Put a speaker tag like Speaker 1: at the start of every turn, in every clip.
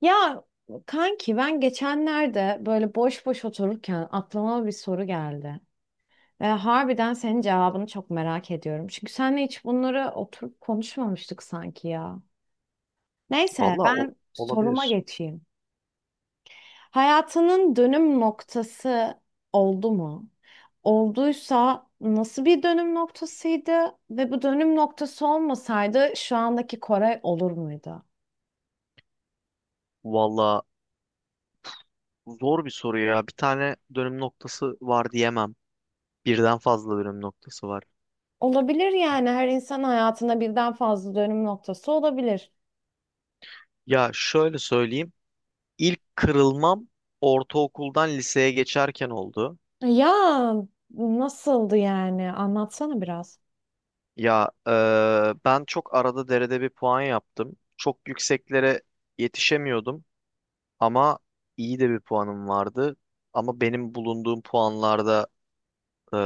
Speaker 1: Ya kanki ben geçenlerde böyle boş boş otururken aklıma bir soru geldi. Ve harbiden senin cevabını çok merak ediyorum. Çünkü seninle hiç bunları oturup konuşmamıştık sanki ya. Neyse
Speaker 2: Valla
Speaker 1: ben soruma
Speaker 2: olabilir.
Speaker 1: geçeyim. Hayatının dönüm noktası oldu mu? Olduysa nasıl bir dönüm noktasıydı? Ve bu dönüm noktası olmasaydı şu andaki Koray olur muydu?
Speaker 2: Valla zor bir soru ya. Bir tane dönüm noktası var diyemem. Birden fazla dönüm noktası var.
Speaker 1: Olabilir yani her insan hayatında birden fazla dönüm noktası olabilir.
Speaker 2: Ya şöyle söyleyeyim. İlk kırılmam ortaokuldan liseye geçerken oldu.
Speaker 1: Ya nasıldı yani? Anlatsana biraz.
Speaker 2: Ya ben çok arada derede bir puan yaptım. Çok yükseklere yetişemiyordum ama iyi de bir puanım vardı. Ama benim bulunduğum puanlarda e,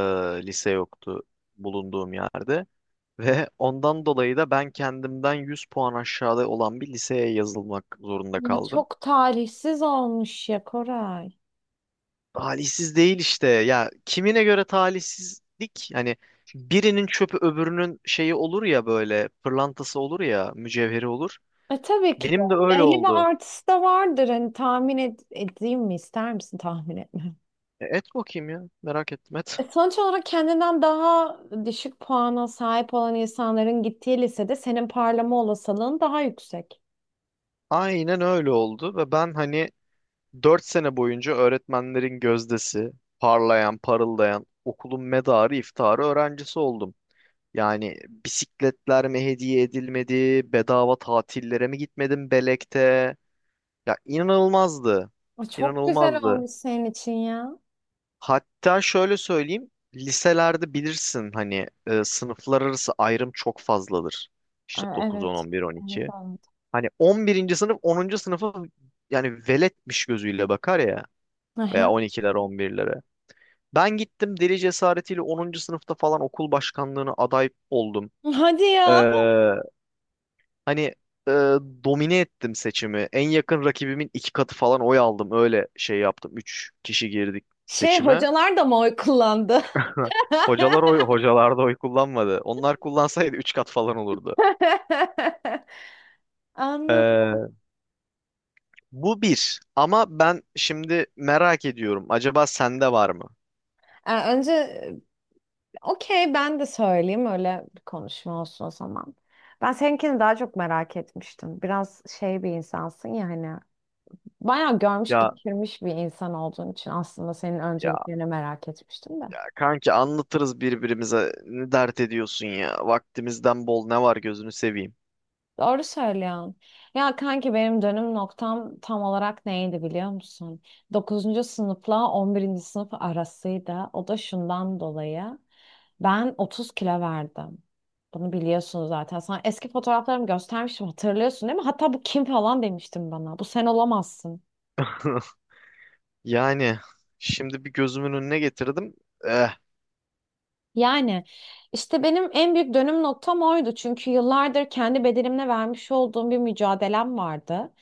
Speaker 2: lise yoktu bulunduğum yerde. Ve ondan dolayı da ben kendimden 100 puan aşağıda olan bir liseye yazılmak zorunda
Speaker 1: Ya
Speaker 2: kaldım.
Speaker 1: çok talihsiz olmuş ya Koray.
Speaker 2: Talihsiz değil işte. Ya kimine göre talihsizlik? Hani birinin çöpü öbürünün şeyi olur ya, böyle pırlantası olur ya mücevheri olur.
Speaker 1: Tabii ki de.
Speaker 2: Benim de öyle
Speaker 1: Belli bir
Speaker 2: oldu.
Speaker 1: artısı da vardır. Hani tahmin edeyim mi? İster misin tahmin etme?
Speaker 2: Et bakayım ya, merak ettim, et.
Speaker 1: Sonuç olarak kendinden daha düşük puana sahip olan insanların gittiği lisede senin parlama olasılığın daha yüksek.
Speaker 2: Aynen öyle oldu ve ben hani 4 sene boyunca öğretmenlerin gözdesi, parlayan, parıldayan, okulun medarı iftiharı öğrencisi oldum. Yani bisikletler mi hediye edilmedi? Bedava tatillere mi gitmedim Belek'te? Ya inanılmazdı.
Speaker 1: Çok güzel
Speaker 2: İnanılmazdı.
Speaker 1: olmuş senin için ya.
Speaker 2: Hatta şöyle söyleyeyim. Liselerde bilirsin hani sınıflar arası ayrım çok fazladır. İşte dokuz, on,
Speaker 1: Evet.
Speaker 2: on bir, on
Speaker 1: Evet,
Speaker 2: iki. Hani on birinci sınıf onuncu sınıfa yani veletmiş gözüyle bakar ya. Veya
Speaker 1: evet.
Speaker 2: on ikiler 10 11'lere. Ben gittim deli cesaretiyle onuncu sınıfta falan okul başkanlığına aday oldum.
Speaker 1: Hadi
Speaker 2: Ee,
Speaker 1: ya.
Speaker 2: Hani e, domine ettim seçimi. En yakın rakibimin iki katı falan oy aldım. Öyle şey yaptım. Üç kişi girdik
Speaker 1: Şey
Speaker 2: seçime.
Speaker 1: hocalar da mı oy kullandı?
Speaker 2: Hocalar oy, hocalar da oy kullanmadı. Onlar kullansaydı üç kat falan olurdu.
Speaker 1: Anladım.
Speaker 2: Ee, bu bir. Ama ben şimdi merak ediyorum. Acaba sende var mı?
Speaker 1: Önce okey ben de söyleyeyim öyle bir konuşma olsun o zaman. Ben seninkini daha çok merak etmiştim. Biraz şey bir insansın ya hani. Bayağı görmüş
Speaker 2: Ya
Speaker 1: geçirmiş bir insan olduğun için aslında senin
Speaker 2: ya
Speaker 1: önceliklerini merak etmiştim de.
Speaker 2: kanki anlatırız birbirimize. Ne dert ediyorsun ya? Vaktimizden bol ne var, gözünü seveyim.
Speaker 1: Doğru söylüyorsun. Ya kanki benim dönüm noktam tam olarak neydi biliyor musun? Dokuzuncu sınıfla 11. sınıf arasıydı. O da şundan dolayı. Ben 30 kilo verdim. Bunu biliyorsunuz zaten. Sana eski fotoğraflarımı göstermiştim, hatırlıyorsun değil mi? Hatta bu kim falan demiştim bana. Bu sen olamazsın.
Speaker 2: Yani şimdi bir gözümün önüne getirdim. Eh.
Speaker 1: Yani işte benim en büyük dönüm noktam oydu. Çünkü yıllardır kendi bedenimle vermiş olduğum bir mücadelem vardı.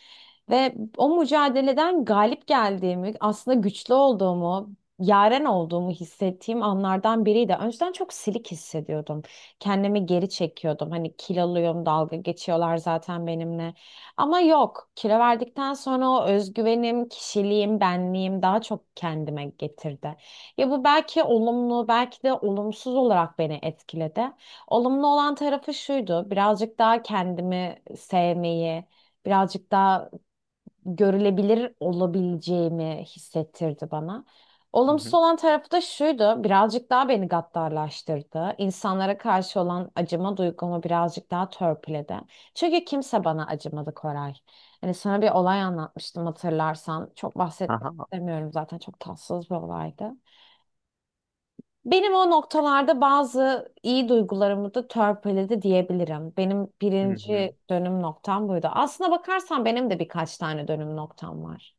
Speaker 1: Ve o mücadeleden galip geldiğimi, aslında güçlü olduğumu, yaren olduğumu hissettiğim anlardan biriydi. Önceden çok silik hissediyordum. Kendimi geri çekiyordum. Hani kiloluyum, dalga geçiyorlar zaten benimle. Ama yok, kilo verdikten sonra o özgüvenim, kişiliğim, benliğim daha çok kendime getirdi. Ya bu belki olumlu, belki de olumsuz olarak beni etkiledi. Olumlu olan tarafı şuydu, birazcık daha kendimi sevmeyi, birazcık daha görülebilir olabileceğimi hissettirdi bana.
Speaker 2: Hı
Speaker 1: Olumsuz
Speaker 2: hı.
Speaker 1: olan tarafı da şuydu, birazcık daha beni gaddarlaştırdı. İnsanlara karşı olan acıma duygumu birazcık daha törpüledi. Çünkü kimse bana acımadı Koray. Hani sana bir olay anlatmıştım hatırlarsan. Çok bahsetmek
Speaker 2: Aha.
Speaker 1: istemiyorum zaten, çok tatsız bir olaydı. Benim o noktalarda bazı iyi duygularımı da törpüledi diyebilirim. Benim
Speaker 2: Hı hı.
Speaker 1: birinci dönüm noktam buydu. Aslına bakarsan benim de birkaç tane dönüm noktam var.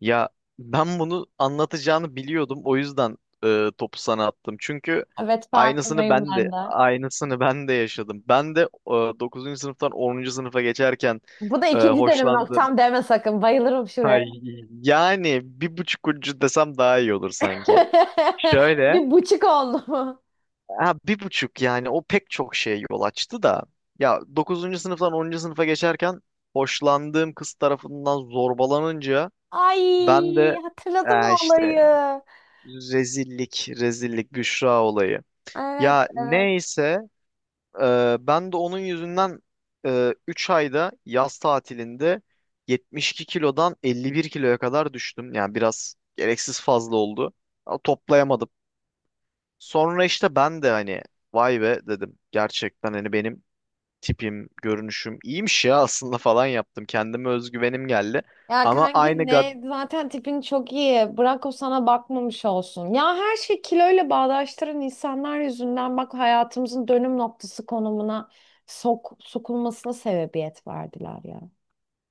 Speaker 2: Ya ben bunu anlatacağını biliyordum. O yüzden topu sana attım. Çünkü
Speaker 1: Evet,
Speaker 2: aynısını
Speaker 1: farkındayım
Speaker 2: ben de
Speaker 1: ben de.
Speaker 2: aynısını ben de yaşadım. Ben de 9. sınıftan onuncu sınıfa geçerken
Speaker 1: Bu da ikinci dönüm
Speaker 2: hoşlandım.
Speaker 1: noktam deme sakın. Bayılırım şuraya.
Speaker 2: Ay, yani bir buçuk ucu desem daha iyi olur sanki. Şöyle.
Speaker 1: Bir buçuk oldu mu?
Speaker 2: Ha, bir buçuk yani o pek çok şeye yol açtı da. Ya dokuzuncu sınıftan onuncu sınıfa geçerken hoşlandığım kız tarafından zorbalanınca ben
Speaker 1: Ay,
Speaker 2: de
Speaker 1: hatırladım o
Speaker 2: işte
Speaker 1: olayı.
Speaker 2: rezillik, rezillik, Büşra olayı.
Speaker 1: Evet,
Speaker 2: Ya
Speaker 1: evet.
Speaker 2: neyse ben de onun yüzünden 3 ayda yaz tatilinde 72 kilodan 51 kiloya kadar düştüm. Yani biraz gereksiz fazla oldu. Ama toplayamadım. Sonra işte ben de hani vay be dedim. Gerçekten hani benim tipim, görünüşüm iyiymiş ya aslında falan yaptım. Kendime özgüvenim geldi.
Speaker 1: Ya
Speaker 2: Ama aynı
Speaker 1: kanki
Speaker 2: gad...
Speaker 1: ne zaten tipin çok iyi. Bırak o sana bakmamış olsun. Ya her şey kiloyla bağdaştıran insanlar yüzünden bak hayatımızın dönüm noktası konumuna sokulmasına sebebiyet verdiler ya.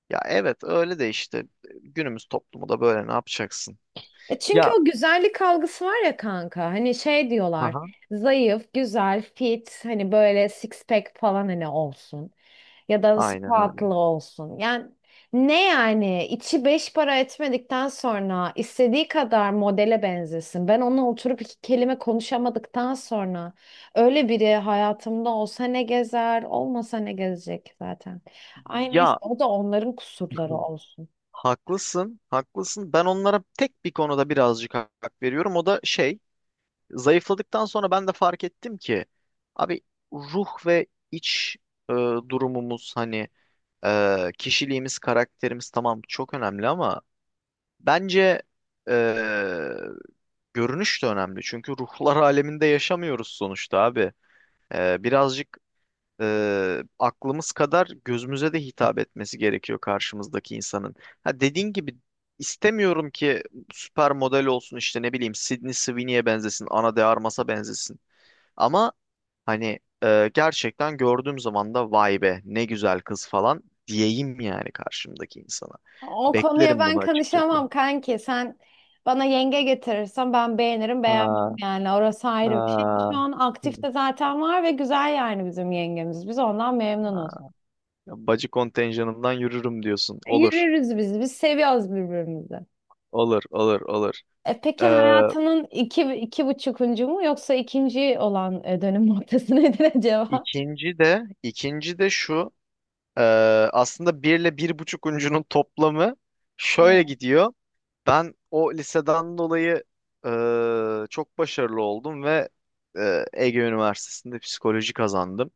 Speaker 2: Ya evet, öyle de işte günümüz toplumu da böyle, ne yapacaksın?
Speaker 1: Çünkü
Speaker 2: Ya
Speaker 1: o güzellik algısı var ya kanka. Hani şey diyorlar. Zayıf, güzel, fit, hani böyle six pack falan hani olsun. Ya da
Speaker 2: aynen öyle.
Speaker 1: spatula olsun. Yani ne yani içi beş para etmedikten sonra istediği kadar modele benzesin. Ben onunla oturup iki kelime konuşamadıktan sonra öyle biri hayatımda olsa ne gezer, olmasa ne gezecek zaten. Ay neyse
Speaker 2: Ya
Speaker 1: o da onların kusurları olsun.
Speaker 2: haklısın, haklısın. Ben onlara tek bir konuda birazcık hak veriyorum. O da şey, zayıfladıktan sonra ben de fark ettim ki abi ruh ve iç e, durumumuz hani kişiliğimiz, karakterimiz tamam çok önemli ama bence e, görünüş de önemli. Çünkü ruhlar aleminde yaşamıyoruz sonuçta abi. Birazcık aklımız kadar gözümüze de hitap etmesi gerekiyor karşımızdaki insanın. Ha, dediğin gibi istemiyorum ki süper model olsun, işte ne bileyim, Sydney Sweeney'e benzesin, Ana de Armas'a benzesin. Ama hani gerçekten gördüğüm zaman da vay be ne güzel kız falan diyeyim yani karşımdaki insana.
Speaker 1: O konuya
Speaker 2: Beklerim
Speaker 1: ben
Speaker 2: bunu açıkçası.
Speaker 1: kanışamam kanki. Sen bana yenge getirirsen ben beğenirim beğenmem,
Speaker 2: Ha,
Speaker 1: yani orası ayrı bir şey. Şu
Speaker 2: ha.
Speaker 1: an
Speaker 2: Hı.
Speaker 1: aktifte zaten var ve güzel yani bizim yengemiz. Biz ondan
Speaker 2: Ha.
Speaker 1: memnunuz.
Speaker 2: Bacı kontenjanından yürürüm diyorsun. Olur,
Speaker 1: Yürürüz biz. Biz seviyoruz birbirimizi.
Speaker 2: olur, olur, olur.
Speaker 1: Peki hayatının iki, iki buçukuncu mu yoksa ikinci olan dönüm noktası nedir acaba?
Speaker 2: İkinci de şu e, aslında bir ile bir buçuk uncunun toplamı şöyle
Speaker 1: Evet.
Speaker 2: gidiyor. Ben o liseden dolayı çok başarılı oldum ve Ege Üniversitesi'nde psikoloji kazandım.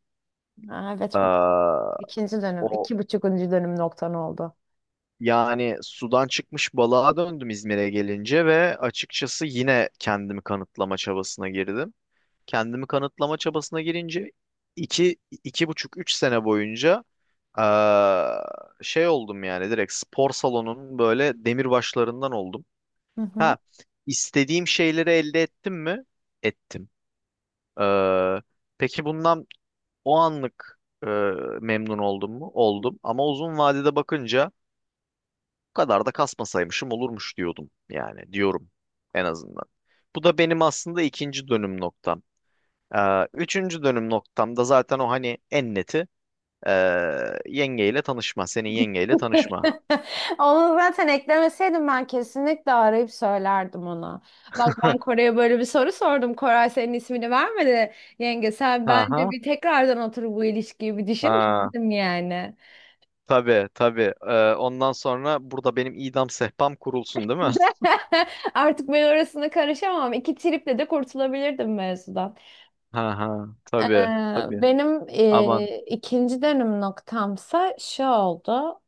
Speaker 1: Aa, evet bu
Speaker 2: E,
Speaker 1: ikinci dönüm.
Speaker 2: O
Speaker 1: İki buçukuncu dönüm noktan oldu.
Speaker 2: yani sudan çıkmış balığa döndüm İzmir'e gelince ve açıkçası yine kendimi kanıtlama çabasına girdim. Kendimi kanıtlama çabasına girince iki, iki buçuk, üç sene boyunca eee, şey oldum yani, direkt spor salonunun böyle demirbaşlarından oldum.
Speaker 1: Hı hı.
Speaker 2: Ha, istediğim şeyleri elde ettim mi? Ettim. Eee, peki bundan o anlık eee, memnun oldum mu? Oldum. Ama uzun vadede bakınca bu kadar da kasmasaymışım olurmuş diyordum, yani diyorum en azından. Bu da benim aslında ikinci dönüm noktam. Üçüncü dönüm noktamda zaten o hani en neti ee, yengeyle tanışma. Senin yengeyle tanışma.
Speaker 1: Onu zaten eklemeseydim ben kesinlikle arayıp söylerdim ona. Bak ben Koray'a böyle bir soru sordum. Koray senin ismini vermedi. Yenge sen
Speaker 2: Ha
Speaker 1: bence
Speaker 2: ha.
Speaker 1: bir tekrardan oturup bu ilişkiyi bir düşün
Speaker 2: Ha.
Speaker 1: dedim yani.
Speaker 2: Tabii tabii. Ondan sonra burada benim idam sehpam kurulsun değil mi?
Speaker 1: Artık ben orasına karışamam. İki triple de kurtulabilirdim mevzudan.
Speaker 2: Ha ha.
Speaker 1: Ee,
Speaker 2: Tabii tabii.
Speaker 1: Benim
Speaker 2: Aman.
Speaker 1: ikinci dönüm noktamsa şu oldu.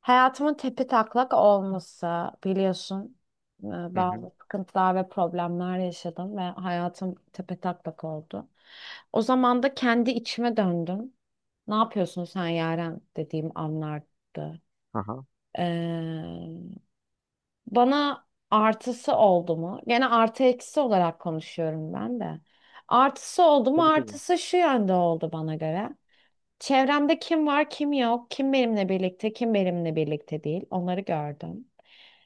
Speaker 1: Hayatımın tepetaklak olması biliyorsun. e,
Speaker 2: Hı hı.
Speaker 1: Bazı sıkıntılar ve problemler yaşadım ve hayatım tepetaklak oldu. O zaman da kendi içime döndüm. Ne yapıyorsun sen Yaren dediğim anlardı.
Speaker 2: Ha ha.
Speaker 1: Ee, Bana artısı oldu mu? Gene artı eksi olarak konuşuyorum ben de. Artısı oldu mu?
Speaker 2: Tabii tabii.
Speaker 1: Artısı şu yönde oldu bana göre. Çevremde kim var, kim yok, kim benimle birlikte, kim benimle birlikte değil. Onları gördüm.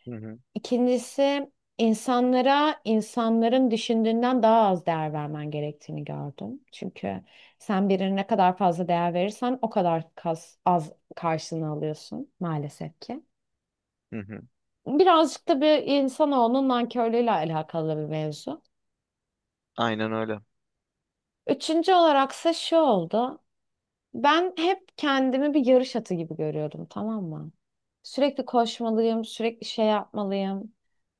Speaker 2: Hı hı.
Speaker 1: İkincisi insanlara insanların düşündüğünden daha az değer vermen gerektiğini gördüm. Çünkü sen birine ne kadar fazla değer verirsen o kadar az karşılığını alıyorsun maalesef ki.
Speaker 2: Hı hı.
Speaker 1: Birazcık da bir insanoğlunun nankörlüğüyle alakalı bir mevzu.
Speaker 2: Aynen öyle.
Speaker 1: Üçüncü olaraksa şu oldu. Ben hep kendimi bir yarış atı gibi görüyordum, tamam mı? Sürekli koşmalıyım, sürekli şey yapmalıyım.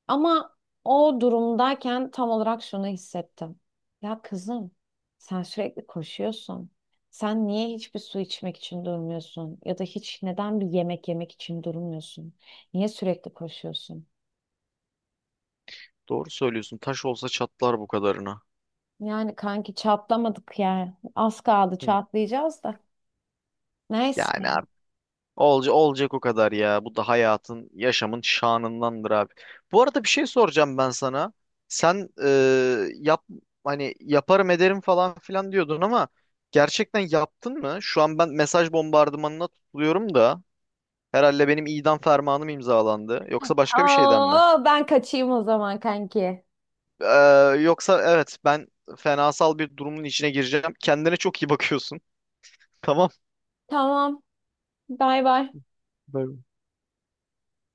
Speaker 1: Ama o durumdayken tam olarak şunu hissettim. Ya kızım, sen sürekli koşuyorsun. Sen niye hiçbir su içmek için durmuyorsun? Ya da hiç neden bir yemek yemek için durmuyorsun? Niye sürekli koşuyorsun?
Speaker 2: Doğru söylüyorsun. Taş olsa çatlar bu kadarına.
Speaker 1: Yani kanki çatlamadık yani. Az kaldı
Speaker 2: Hı.
Speaker 1: çatlayacağız da. Neyse.
Speaker 2: Yani olca, olacak o kadar ya. Bu da hayatın, yaşamın şanındandır abi. Bu arada bir şey soracağım ben sana. Sen yap hani yaparım ederim falan filan diyordun ama gerçekten yaptın mı? Şu an ben mesaj bombardımanına tutuluyorum da herhalde benim idam fermanım imzalandı. Yoksa başka bir şeyden mi?
Speaker 1: Oo, ben kaçayım o zaman kanki.
Speaker 2: Ee, Yoksa evet ben fenasal bir durumun içine gireceğim. Kendine çok iyi bakıyorsun. Tamam.
Speaker 1: Tamam. Bay bay.